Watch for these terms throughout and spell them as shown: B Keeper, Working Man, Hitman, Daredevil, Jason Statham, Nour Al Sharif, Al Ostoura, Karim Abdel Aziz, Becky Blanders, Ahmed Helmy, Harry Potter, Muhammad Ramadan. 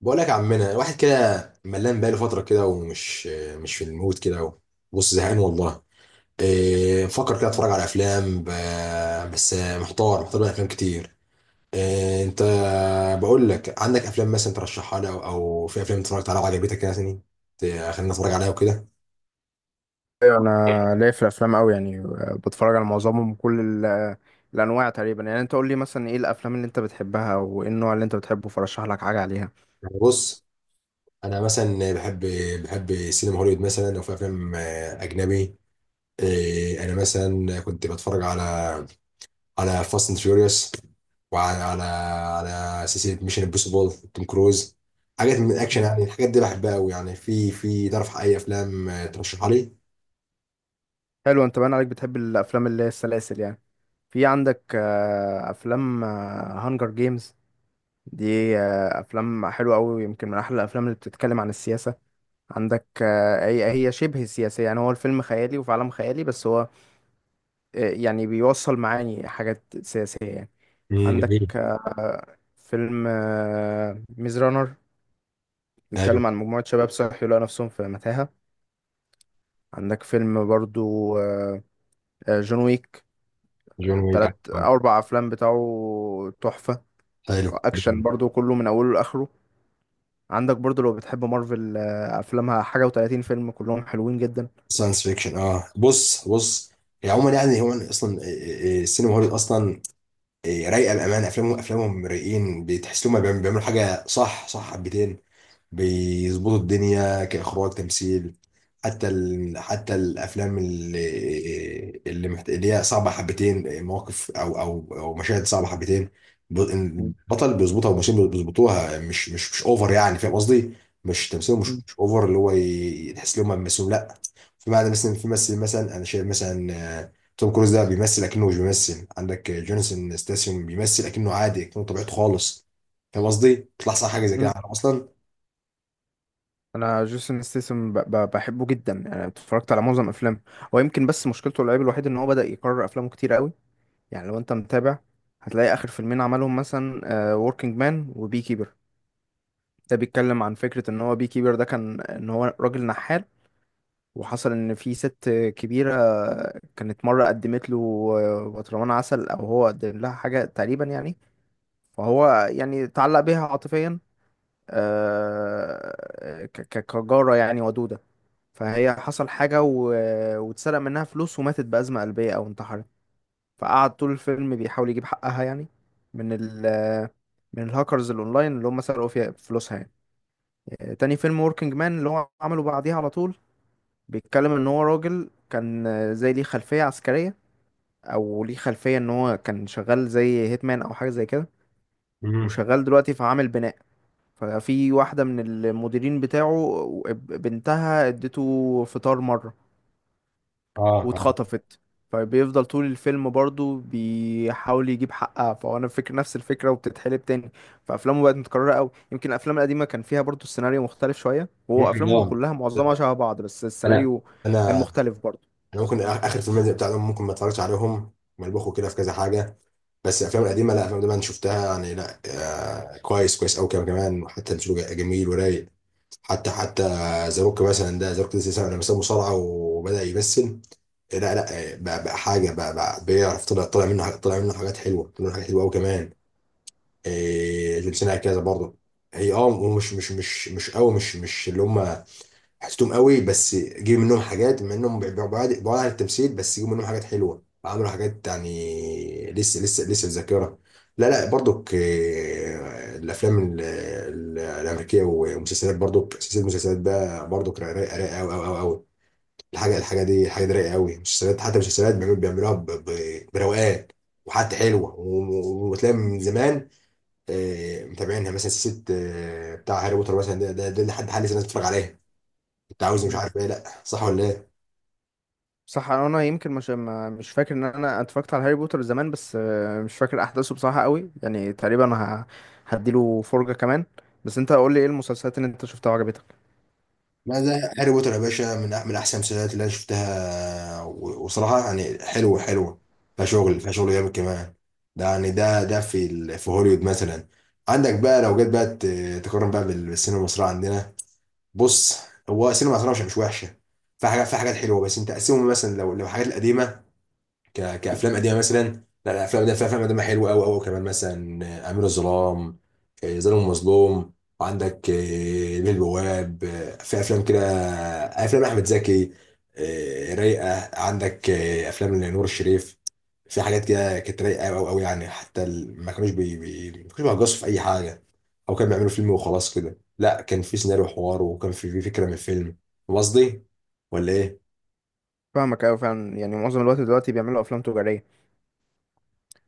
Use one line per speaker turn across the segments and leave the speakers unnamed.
بقول لك يا عمنا، واحد كده ملان بقاله فتره كده ومش مش في المود كده. بص، زهقان والله. إيه، بفكر كده اتفرج على افلام بس محتار محتار بين افلام كتير. إيه انت، بقول لك عندك افلام مثلا ترشحها لي او في افلام اتفرجت عليها وعجبتك يعني؟ خلينا نتفرج عليها وكده.
ايوه، انا ليا في الافلام قوي يعني. بتفرج على معظمهم كل ال- الانواع تقريبا. يعني انت قول لي مثلا ايه الافلام اللي انت بتحبها وايه النوع اللي انت بتحبه فرشح لك حاجه عليها.
يعني بص، انا مثلا بحب سينما هوليوود مثلا، او في افلام اجنبي. إيه، انا مثلا كنت بتفرج على على فاست اند فيوريوس، وعلى على على سلسله ميشن امبوسيبل، توم كروز. حاجات من الاكشن،
مم.
يعني الحاجات دي بحبها قوي. يعني في، تعرف اي افلام ترشحها لي؟
حلو، انت باين عليك بتحب الافلام اللي هي السلاسل يعني. في عندك افلام هانجر جيمز. دي افلام حلوه قوي، يمكن من احلى الافلام اللي بتتكلم عن السياسه. عندك، هي شبه سياسيه يعني. هو الفيلم خيالي وفي عالم خيالي بس هو يعني بيوصل معاني حاجات سياسية يعني. عندك
جميل.
فيلم ميز رانر
حلو.
بيتكلم عن مجموعة شباب صحي لقوا نفسهم في متاهة. عندك فيلم برضو جون ويك.
جون ويك،
تلات
عارف.
أو أربع أفلام بتاعه تحفة.
حلو.
أكشن برضو كله من أوله لآخره. عندك برضو لو بتحب مارفل، أفلامها حاجة وتلاتين فيلم كلهم حلوين جدا.
ساينس فيكشن، بص بص. هي عموما يعني، هو اصلا، السينما هوليوود اصلا. رايقه بامانه. افلامهم رايقين، بتحس انهم بيعملوا حاجه صح صح حبتين. بيظبطوا الدنيا كإخراج تمثيل. حتى حتى الأفلام اللي هي صعبة حبتين، مواقف أو مشاهد صعبة حبتين.
مم.
البطل بيظبطها، والممثلين بيظبطوها مش أوفر يعني. فاهم قصدي؟ مش تمثيله مش أوفر. اللي هو تحس إن هم بيمثلوا، لا. في معنى، مثلا في ممثل مثلا أنا شايف، مثلا آه، توم كروز ده بيمثل أكنه مش بيمثل. عندك جونسون ستاسيوم بيمثل أكنه عادي، أكنه طبيعته خالص. فاهم قصدي؟ بيطلع صح، حاجة زي كده
مم.
أصلا.
انا جيسون ستيسم بحبه جدا يعني، اتفرجت على معظم افلامه. هو يمكن بس مشكلته، العيب الوحيد ان هو بدأ يكرر افلامه كتير قوي. يعني لو انت متابع هتلاقي اخر فيلمين عملهم مثلا وركينج مان وبي كيبر. ده بيتكلم عن فكرة ان هو بي كيبر ده كان ان هو راجل نحال، وحصل ان في ست كبيرة كانت مرة قدمت له برطمان عسل او هو قدم لها حاجة تقريبا يعني. فهو يعني تعلق بيها عاطفيا، كجارة يعني ودودة. فهي حصل حاجة واتسرق منها فلوس وماتت بأزمة قلبية أو انتحرت. فقعد طول الفيلم بيحاول يجيب حقها يعني، من ال من الهاكرز الأونلاين اللي هم سرقوا فيها فلوسها يعني. تاني فيلم وركينج مان اللي هو عمله بعديها على طول بيتكلم إن هو راجل كان زي ليه خلفية عسكرية، أو ليه خلفية إن هو كان شغال زي هيتمان أو حاجة زي كده.
مم.
وشغال دلوقتي في عامل بناء. ففي واحدة من المديرين بتاعه، بنتها اديته فطار مرة
اه، اه،
واتخطفت. فبيفضل طول الفيلم برضو بيحاول يجيب حقها، فهو انا فكر نفس الفكره وبتتحلب تاني. فافلامه بقت متكرره قوي، يمكن الافلام القديمه كان فيها برضو السيناريو مختلف شويه، وهو
ممكن
افلامه
طبعا.
كلها معظمها شبه بعض بس
انا
السيناريو كان
انا
مختلف برضو.
انا ممكن، اخر فيلم زي بتاعهم ممكن ما اتفرجتش عليهم، ملبخوا كده في كذا حاجه. بس الافلام القديمه، لا الافلام دي انا شفتها يعني، لا. آه، كويس، كويس قوي كمان. حتى الفيلم جميل ورايق. حتى ذا روك مثلا، ده ذا روك لسه لما ساب مصارعه وبدا يمثل. لا، لا، بقى حاجه، بقى بيعرف. طلع منه طلع منه حاجات حلوه، طلع منه حاجات حلوه قوي كمان. جون سينا كذا برضه. هي، ومش مش مش مش قوي، مش اللي هم حسيتهم قوي، بس جيب منهم حاجات. مع انهم بعاد عن التمثيل، بس جيب منهم حاجات حلوه، عملوا حاجات يعني لسه، لسه في ذاكره. لا، لا، برضك الافلام الامريكيه، ومسلسلات برضك. سلسله مسلسلات بقى برضك، رايقه، رايقه، رايقة قوي قوي قوي. الحاجه دي رايقه قوي. مسلسلات، حتى مسلسلات بيعملوها بروقان. وحتى حلوه، وتلاقي من زمان متابعينها، مثلا سلسله بتاع هاري بوتر مثلا، ده لحد حال لسه الناس بتتفرج عليها. انت عاوز، مش
مم.
عارف ايه، لا صح ولا ايه؟
صح، انا يمكن مش فاكر ان انا اتفرجت على هاري بوتر زمان، بس مش فاكر احداثه بصراحه قوي يعني، تقريبا هديله فرجه كمان. بس انت قول لي ايه المسلسلات اللي انت شفتها وعجبتك.
لا، ده هاري بوتر يا باشا، من من احسن المسلسلات اللي انا شفتها، وصراحه يعني حلوه حلوه. فيها شغل، فيها شغل جامد كمان. ده يعني ده في في هوليوود مثلا. عندك بقى لو جيت بقى تقارن بقى بالسينما المصريه عندنا. بص، هو السينما المصريه مش وحشه. في حاجات، في حاجات حلوه. بس انت قسمهم، مثلا لو الحاجات القديمه، كافلام قديمه مثلا. لا الافلام دي افلام قديمه حلوه قوي قوي كمان، مثلا امير الظلام، ظالم ومظلوم. وعندك بيه البواب، في افلام كده، افلام احمد زكي رايقه. عندك افلام لنور الشريف، في حاجات كده كانت رايقه قوي قوي يعني. حتى ما كانوش ما كانوش بيهجصوا في اي حاجه او كانوا بيعملوا فيلم وخلاص كده. لا، كان في سيناريو وحوار، وكان في فكره من الفيلم. فاهم قصدي ولا ايه؟
فاهمك قوي فعلا، يعني معظم الوقت دلوقتي بيعملوا افلام تجاريه.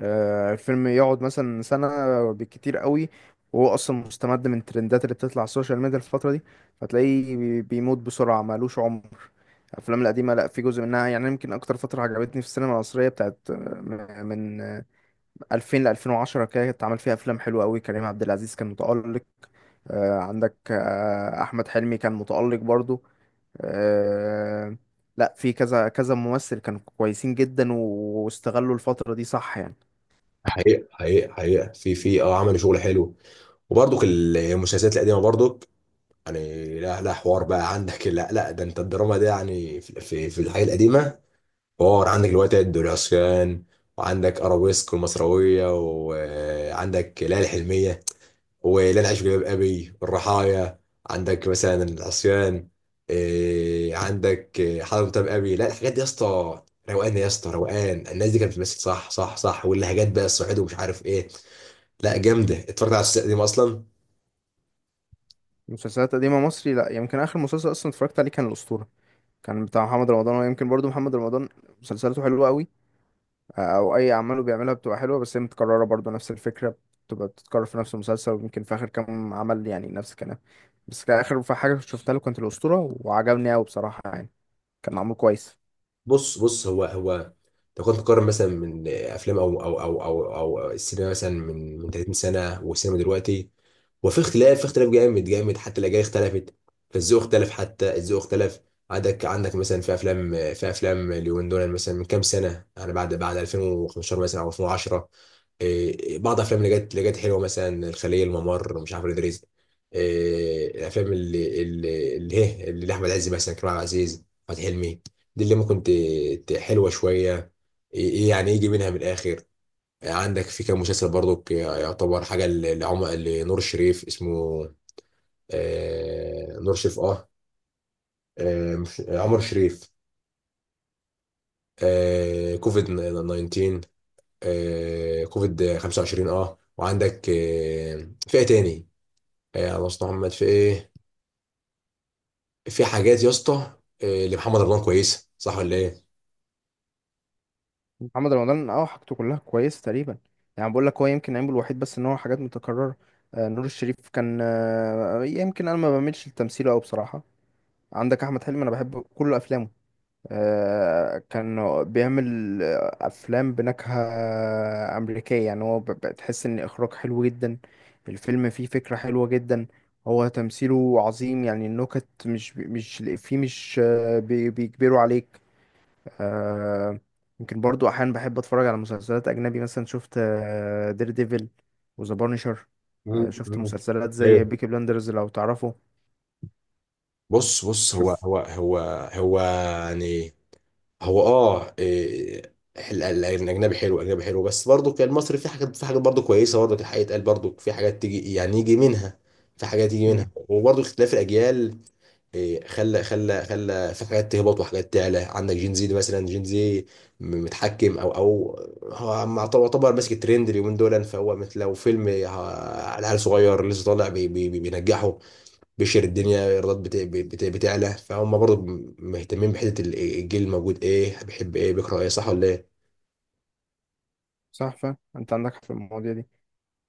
الفيلم يقعد مثلا سنة بالكتير قوي، وهو أصلا مستمد من الترندات اللي بتطلع على السوشيال ميديا الفترة دي. فتلاقيه بيموت بسرعة مالوش عمر. الأفلام القديمة لأ، في جزء منها، يعني يمكن أكتر فترة عجبتني في السينما المصرية بتاعت من 2000 ل 2010 كده، اتعمل فيها أفلام حلوة قوي. كريم عبد العزيز كان متألق. عندك أحمد حلمي كان متألق برضو. آه، لأ، في كذا كذا ممثل كانوا كويسين جدا واستغلوا الفترة دي صح يعني.
حقيقة حقيقة حقيقة، في عملوا شغل حلو. وبرضك المسلسلات القديمه برضك، يعني لا، لا، حوار بقى عندك. لا، لا، ده انت الدراما ده يعني، في الحياه القديمه حوار. عندك الوتد والعصيان، وعندك ارابيسك والمصراويه، وعندك ليالي الحلميه وليالي العيش في جلباب ابي والرحايا. عندك مثلا العصيان، إيه، عندك إيه، حضرة متابع ابي. لا، الحاجات دي يا اسطى روقان، يا اسطى روقان. الناس دي كانت بتمثل صح صح صح، واللهجات بقى، الصعيد ومش عارف ايه. لا جامده، اتفرجت على السلسله دي اصلا.
مسلسلات قديمة مصري لا، يمكن آخر مسلسل أصلا اتفرجت عليه كان الأسطورة. كان بتاع محمد رمضان، ويمكن برضو محمد رمضان مسلسلاته حلوة قوي. أو أي أعماله بيعملها بتبقى حلوة، بس هي متكررة برضو نفس الفكرة، بتبقى بتتكرر في نفس المسلسل، ويمكن في آخر كام عمل يعني نفس الكلام. بس كان آخر حاجة شفتها له كانت الأسطورة وعجبني أوي بصراحة يعني، كان معمول كويس.
بص بص، هو هو، لو كنت تقارن مثلا من افلام او السينما مثلا من 30 سنه والسينما دلوقتي. وفي اختلاف، في اختلاف جامد جامد، حتى الاجيال اختلفت، الذوق اختلف، حتى الذوق اختلف. عندك مثلا، في افلام، في افلام اليومين دول، مثلا من كام سنه يعني، بعد 2015 مثلا او 2010. إيه، بعض الافلام اللي جت حلوه، مثلا الخليه، الممر، مش عارف، ادريس. إيه، الافلام اللي احمد عز مثلا، كريم عبد العزيز، احمد حلمي. دي اللي ممكن حلوه شويه. ايه، إيه يعني يجي منها من الاخر. عندك في كام مسلسل برضك يعتبر حاجه ل- لعمر لنور الشريف، اسمه نور شريف، عمر شريف. كوفيد 19، كوفيد 25، وعندك في ايه تاني. على مصطفى محمد، في ايه، في حاجات يا اسطى. لمحمد رمضان كويسه صح ولا ايه؟
محمد رمضان أه، حاجته كلها كويسة تقريبا. يعني بقول لك هو يمكن عيبه الوحيد بس إن هو حاجات متكررة. نور الشريف كان يمكن أنا ما بعملش التمثيل أوي بصراحة. عندك احمد حلمي انا بحب كل افلامه. كان بيعمل افلام بنكهه امريكيه يعني، هو بتحس ان اخراج حلو جدا، الفيلم فيه فكره حلوه جدا. هو تمثيله عظيم يعني، النكت مش فيه مش بيجبروا عليك. آه، يمكن برضو احيانا بحب اتفرج على مسلسلات اجنبي، مثلا شفت دير ديفل وذا بانشر.
مم.
شفت
مم.
مسلسلات زي
ايوه،
بيكي بلاندرز لو تعرفه.
بص بص، هو
شوف،
هو هو هو يعني، هو إيه، الاجنبي حلو، الاجنبي حلو. بس برضه كان المصري في حاجات، في حاجات برضه كويسه. برضه الحقيقه يتقال، برضه في حاجات تيجي يعني يجي منها، في حاجات يجي منها. وبرضه اختلاف الاجيال، إيه، خلى في حاجات تهبط وحاجات تعلى. عندك جين زي ده مثلا، جين زي متحكم، او هو يعتبر ماسك الترند اليومين دول. فهو مثل لو فيلم على عيل صغير لسه طالع، بينجحه، بيشهر الدنيا، الايرادات بتعلى. فهم برضه مهتمين بحته الجيل الموجود، ايه بيحب، ايه بيقرا، ايه، صح ولا ايه؟
صح فعلا انت عندك حق في المواضيع دي.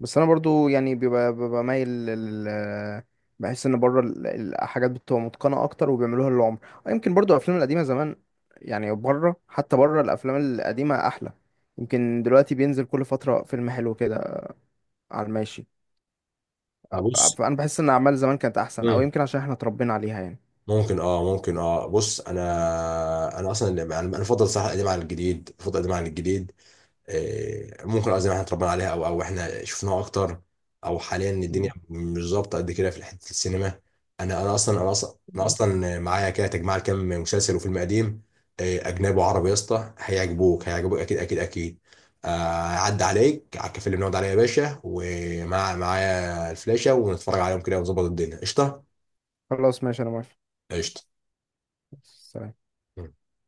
بس انا برضو يعني ببقى مايل لل بحس ان بره الحاجات بتبقى متقنه اكتر وبيعملوها للعمر. يمكن برضو الافلام القديمه زمان، يعني بره، حتى بره الافلام القديمه احلى. يمكن دلوقتي بينزل كل فتره فيلم حلو كده على الماشي.
ابص.
فانا بحس ان اعمال زمان كانت احسن، او
مم.
يمكن عشان احنا اتربينا عليها يعني.
ممكن، ممكن، بص، انا. انا اصلا انا بفضل صح القديم على الجديد، بفضل القديم على الجديد. ممكن قصدي إن احنا اتربينا عليها، او احنا شفناها اكتر، او حاليا الدنيا
مم.
مش ظابطه قد كده في حته السينما. انا اصلا معايا كده تجمع كام مسلسل وفيلم قديم اجنبي وعربي يا اسطى، هيعجبوك اكيد اكيد اكيد. آه، عدى عليك على الكافيه اللي بنقعد عليه يا باشا، ومع معايا الفلاشه، ونتفرج عليهم كده ونظبط الدنيا قشطه.
خلاص ماشي، انا موافق.
قشطه.
سلام.